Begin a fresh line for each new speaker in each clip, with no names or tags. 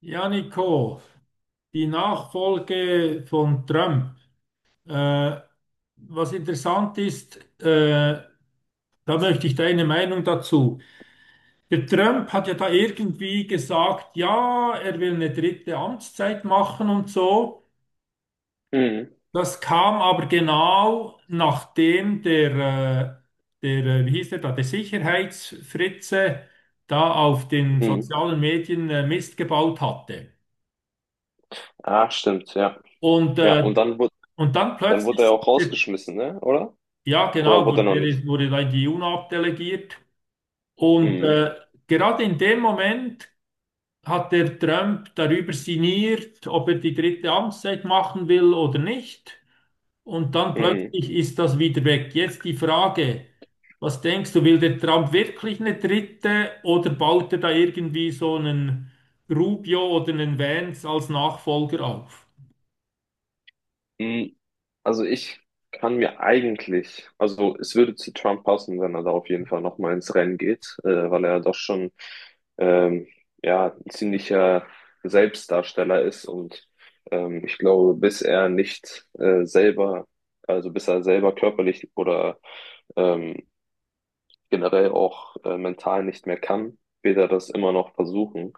Ja, Nico, die Nachfolge von Trump. Äh, Was interessant ist, da möchte ich deine Meinung dazu. Der Trump hat ja da irgendwie gesagt, ja, er will eine dritte Amtszeit machen und so.
Mhm.
Das kam aber genau nachdem wie hieß der da, der Sicherheitsfritze da auf den
Mhm.
sozialen Medien Mist gebaut hatte.
Ah, stimmt, ja.
Und,
Ja,
äh,
und dann wurde,
und dann
dann wurde
plötzlich
er
sagt
auch
der:
rausgeschmissen, ne? Oder?
Ja,
Oder
genau,
wurde er noch nicht?
wurde da in die UNO abdelegiert. Und
Mhm.
gerade in dem Moment hat der Trump darüber sinniert, ob er die dritte Amtszeit machen will oder nicht. Und dann
Mhm.
plötzlich ist das wieder weg. Jetzt die Frage, was denkst du, will der Trump wirklich eine dritte oder baut er da irgendwie so einen Rubio oder einen Vance als Nachfolger auf?
Mhm. Also ich kann mir eigentlich, also es würde zu Trump passen, wenn er da auf jeden Fall nochmal ins Rennen geht, weil er doch schon ähm, ja, ein ziemlicher Selbstdarsteller ist. Und ich glaube, bis er nicht selber, also bis er selber körperlich oder ähm, generell auch mental nicht mehr kann, wird er das immer noch versuchen,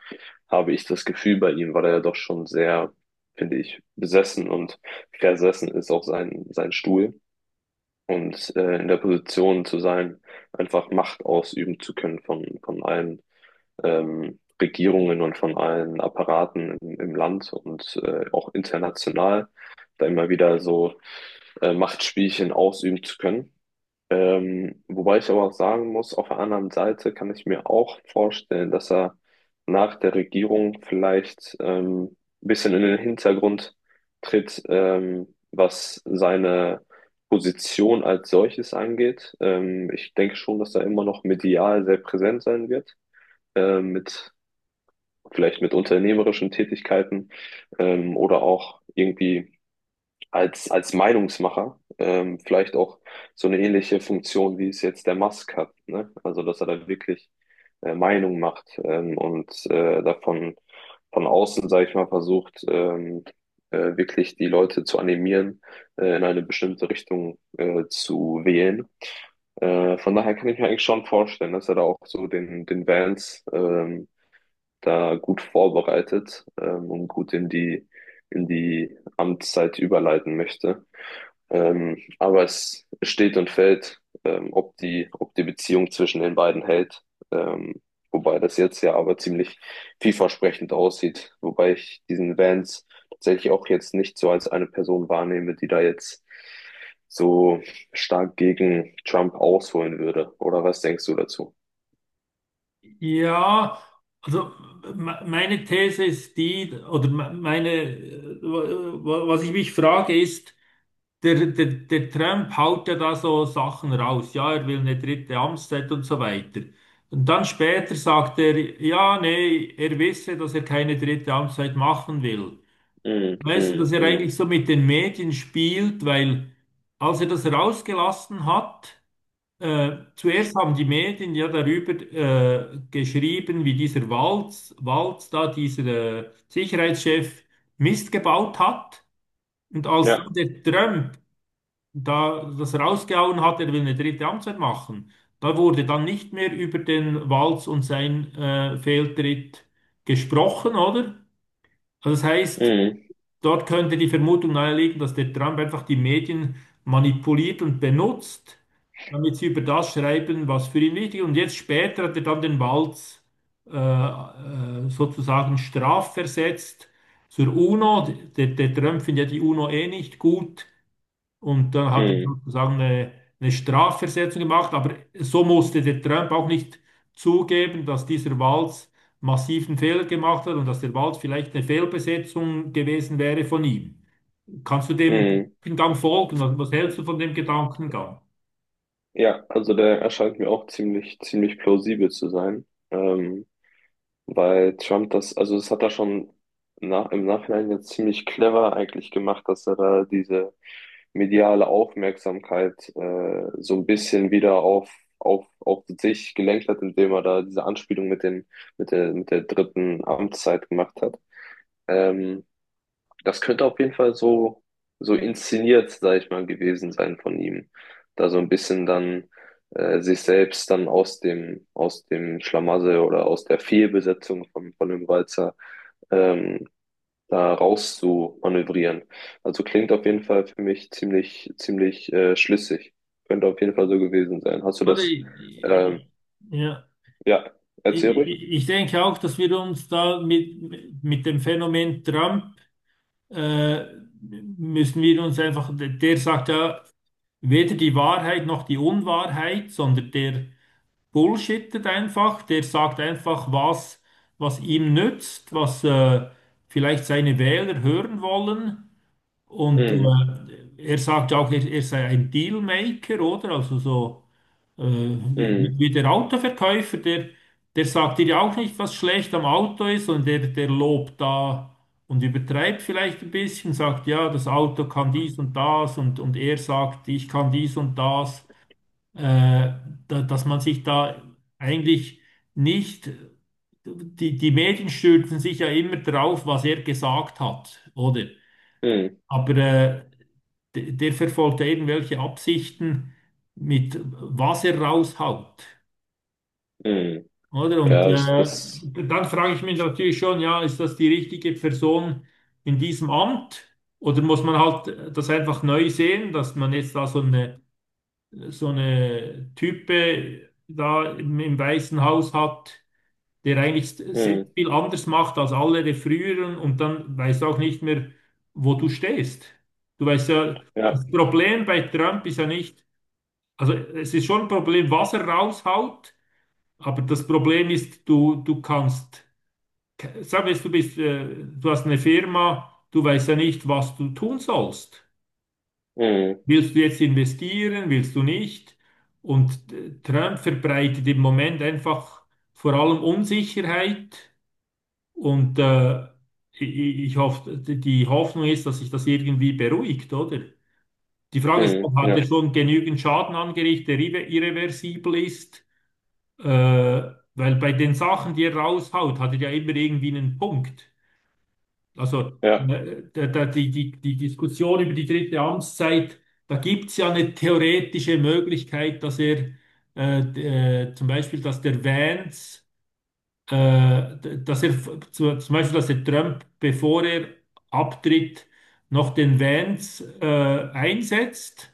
habe ich das Gefühl bei ihm, weil er ja doch schon sehr, finde ich, besessen und versessen ist auf seinen Stuhl und in der Position zu sein, einfach Macht ausüben zu können von allen Regierungen und von allen Apparaten im Land und auch international, da immer wieder so Machtspielchen ausüben zu können. Wobei ich aber auch sagen muss, auf der anderen Seite kann ich mir auch vorstellen, dass er nach der Regierung vielleicht ein bisschen in den Hintergrund tritt, was seine Position als solches angeht. Ich denke schon, dass er immer noch medial sehr präsent sein wird, mit vielleicht mit unternehmerischen Tätigkeiten, oder auch irgendwie als Meinungsmacher, vielleicht auch so eine ähnliche Funktion, wie es jetzt der Musk hat, ne? Also, dass er da wirklich Meinung macht, und davon von außen, sage ich mal, versucht, wirklich die Leute zu animieren, in eine bestimmte Richtung zu wählen. Von daher kann ich mir eigentlich schon vorstellen, dass er da auch so den Vance da gut vorbereitet, und gut in die Amtszeit überleiten möchte. Aber es steht und fällt, ob die Beziehung zwischen den beiden hält. Ähm, wobei das jetzt ja aber ziemlich vielversprechend aussieht. Wobei ich diesen Vance tatsächlich auch jetzt nicht so als eine Person wahrnehme, die da jetzt so stark gegen Trump ausholen würde. Oder was denkst du dazu?
Ja, also meine These ist die, oder was ich mich frage, ist, der Trump haut ja da so Sachen raus. Ja, er will eine dritte Amtszeit und so weiter. Und dann später sagt er, ja, nee, er wisse, dass er keine dritte Amtszeit machen will.
Mm,
Weißt du,
mm,
dass er
mm.
eigentlich so mit den Medien spielt, weil als er das rausgelassen hat, zuerst haben die Medien ja darüber geschrieben, wie dieser Walz da, dieser Sicherheitschef, Mist gebaut hat. Und als
Ja.
dann der Trump da das rausgehauen hat, er will eine dritte Amtszeit machen, da wurde dann nicht mehr über den Walz und sein Fehltritt gesprochen, oder? Also das heißt,
Mm,
dort könnte die Vermutung naheliegen, dass der Trump einfach die Medien manipuliert und benutzt, damit sie über das schreiben, was für ihn wichtig ist. Und jetzt später hat er dann den Walz sozusagen strafversetzt zur UNO. Der Trump findet ja die UNO eh nicht gut. Und dann hat er
mm.
sozusagen eine Strafversetzung gemacht. Aber so musste der Trump auch nicht zugeben, dass dieser Walz massiven Fehler gemacht hat und dass der Walz vielleicht eine Fehlbesetzung gewesen wäre von ihm. Kannst du dem
Mhm.
Gedankengang folgen? Was hältst du von dem Gedankengang?
Ja, also der erscheint mir auch ziemlich, ziemlich plausibel zu sein, ähm, weil Trump das, also das hat er schon im Nachhinein jetzt ziemlich clever eigentlich gemacht, dass er da diese mediale Aufmerksamkeit so ein bisschen wieder auf sich gelenkt hat, indem er da diese Anspielung mit der dritten Amtszeit gemacht hat. Ähm, das könnte auf jeden Fall so, so inszeniert, sag ich mal, gewesen sein von ihm. Da so ein bisschen dann sich selbst dann aus dem Schlamassel oder aus der Fehlbesetzung von dem Walzer, ähm, da raus zu manövrieren. Also klingt auf jeden Fall für mich ziemlich, ziemlich schlüssig. Könnte auf jeden Fall so gewesen sein. Hast du
Oder
das?
ich,
Ähm,
ich, ja,
ja, erzähl ruhig.
ich denke auch, dass wir uns da mit dem Phänomen Trump äh, müssen wir uns einfach, der sagt ja weder die Wahrheit noch die Unwahrheit, sondern der bullshittet einfach, der sagt einfach, was ihm nützt, was vielleicht seine Wähler hören wollen. Und
Mm,
er sagt auch, er sei ein Dealmaker, oder? Also so äh,
mm,
wie der Autoverkäufer, der sagt dir ja auch nicht, was schlecht am Auto ist und der lobt da und übertreibt vielleicht ein bisschen, sagt, ja, das Auto kann dies und das und er sagt, ich kann dies und das, äh, dass man sich da eigentlich nicht, die, die Medien stürzen sich ja immer drauf, was er gesagt hat, oder?
mm,
Aber der verfolgt ja irgendwelche Absichten mit was er raushaut.
mm.
Oder? Und
Ja, das, das
dann frage ich mich natürlich schon, ja, ist das die richtige Person in diesem Amt? Oder muss man halt das einfach neu sehen, dass man jetzt da so so eine Type da im Weißen Haus hat, der eigentlich sehr
mm,
viel anders macht als alle der früheren und dann weißt du auch nicht mehr, wo du stehst. Du weißt ja,
ja.
das Problem bei Trump ist ja nicht, also es ist schon ein Problem, was er raushaut, aber das Problem ist, du kannst, sagen wir jetzt, du bist, du hast eine Firma, du weißt ja nicht, was du tun sollst.
Mm.
Willst du jetzt investieren, willst du nicht? Und Trump verbreitet im Moment einfach vor allem Unsicherheit und ich hoffe, die Hoffnung ist, dass sich das irgendwie beruhigt, oder? Die Frage ist, ob
Mhm.
hat
Ja,
er schon genügend Schaden angerichtet, der irreversibel ist? Weil bei den Sachen, die er raushaut, hat er ja immer irgendwie einen Punkt. Also
ja.
die Diskussion über die dritte Amtszeit, da gibt es ja eine theoretische Möglichkeit, dass er zum Beispiel, dass der Vance, dass zum Beispiel, dass der Trump, bevor er abtritt, noch den Vance einsetzt.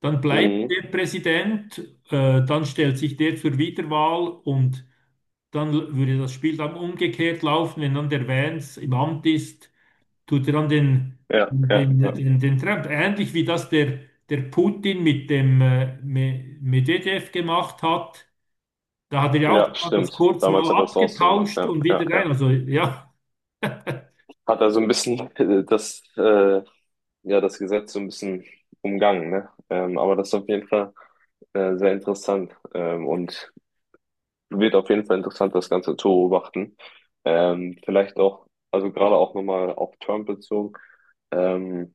Dann bleibt
Mhm.
der Präsident, dann stellt sich der zur Wiederwahl und dann würde das Spiel dann umgekehrt laufen, wenn dann der Vance im Amt ist, tut er dann
Ja, ja, ja.
den Trump. Ähnlich wie das der Putin mit dem Medvedev gemacht hat. Da hat er ja auch
Ja,
das
stimmt.
kurz
Damals
mal
hat er es auch so gemacht,
abgetauscht
ja,
und
ja,
wieder rein.
ja.
Also ja,
Hat er so ein bisschen ja, das Gesetz so ein bisschen umgangen, ne? Aber das ist auf jeden Fall sehr interessant, und wird auf jeden Fall interessant, das Ganze zu beobachten. Vielleicht auch, also gerade auch nochmal auf Trump bezogen. Ähm,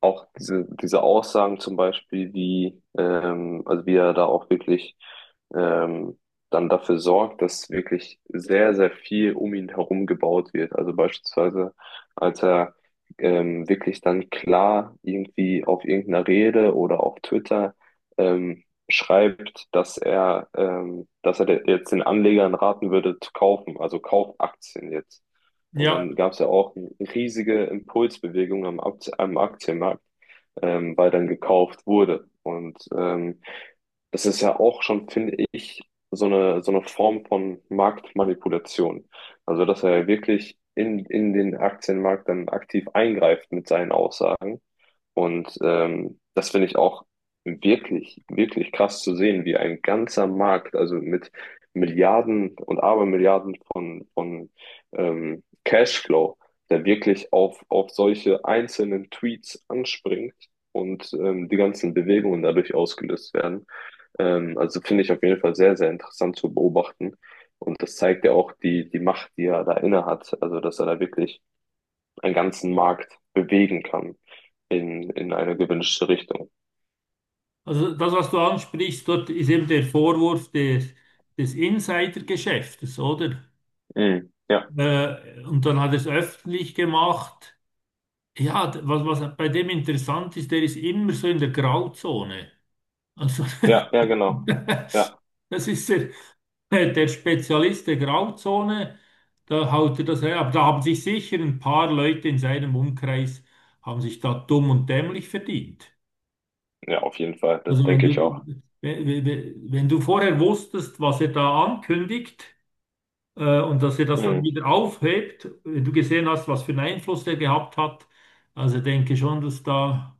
Auch diese Aussagen zum Beispiel, wie, also wie er da auch wirklich ähm, dann dafür sorgt, dass wirklich sehr, sehr viel um ihn herum gebaut wird. Also beispielsweise, als er wirklich dann klar irgendwie auf irgendeiner Rede oder auf Twitter ähm, schreibt, dass er jetzt den Anlegern raten würde zu kaufen, also Kaufaktien jetzt. Und
ja.
dann gab es ja auch riesige Impulsbewegungen am Aktienmarkt, weil dann gekauft wurde. Und das ist ja auch schon, finde ich, so eine Form von Marktmanipulation. Also, dass er wirklich in den Aktienmarkt dann aktiv eingreift mit seinen Aussagen. Und das finde ich auch wirklich, wirklich krass zu sehen, wie ein ganzer Markt, also mit Milliarden und Abermilliarden von Cashflow, der wirklich auf solche einzelnen Tweets anspringt und die ganzen Bewegungen dadurch ausgelöst werden. Also finde ich auf jeden Fall sehr, sehr interessant zu beobachten. Und das zeigt ja auch die Macht, die er da inne hat. Also, dass er da wirklich einen ganzen Markt bewegen kann in eine gewünschte Richtung.
Also das, was du ansprichst, dort ist eben der Vorwurf des Insidergeschäftes, oder?
Mhm. Ja,
Und dann hat er es öffentlich gemacht. Ja, was bei dem interessant ist, der ist immer so in der Grauzone. Also,
ja, ja, genau. Ja,
das ist der Spezialist der Grauzone, da haut er das her. Aber da haben sich sicher ein paar Leute in seinem Umkreis, haben sich da dumm und dämlich verdient.
ja, auf jeden Fall. Das
Also wenn
denke ich auch.
wenn du vorher wusstest, was er da ankündigt, und dass er das dann
Mhm.
wieder aufhebt, wenn du gesehen hast, was für einen Einfluss der gehabt hat, also denke schon, dass da...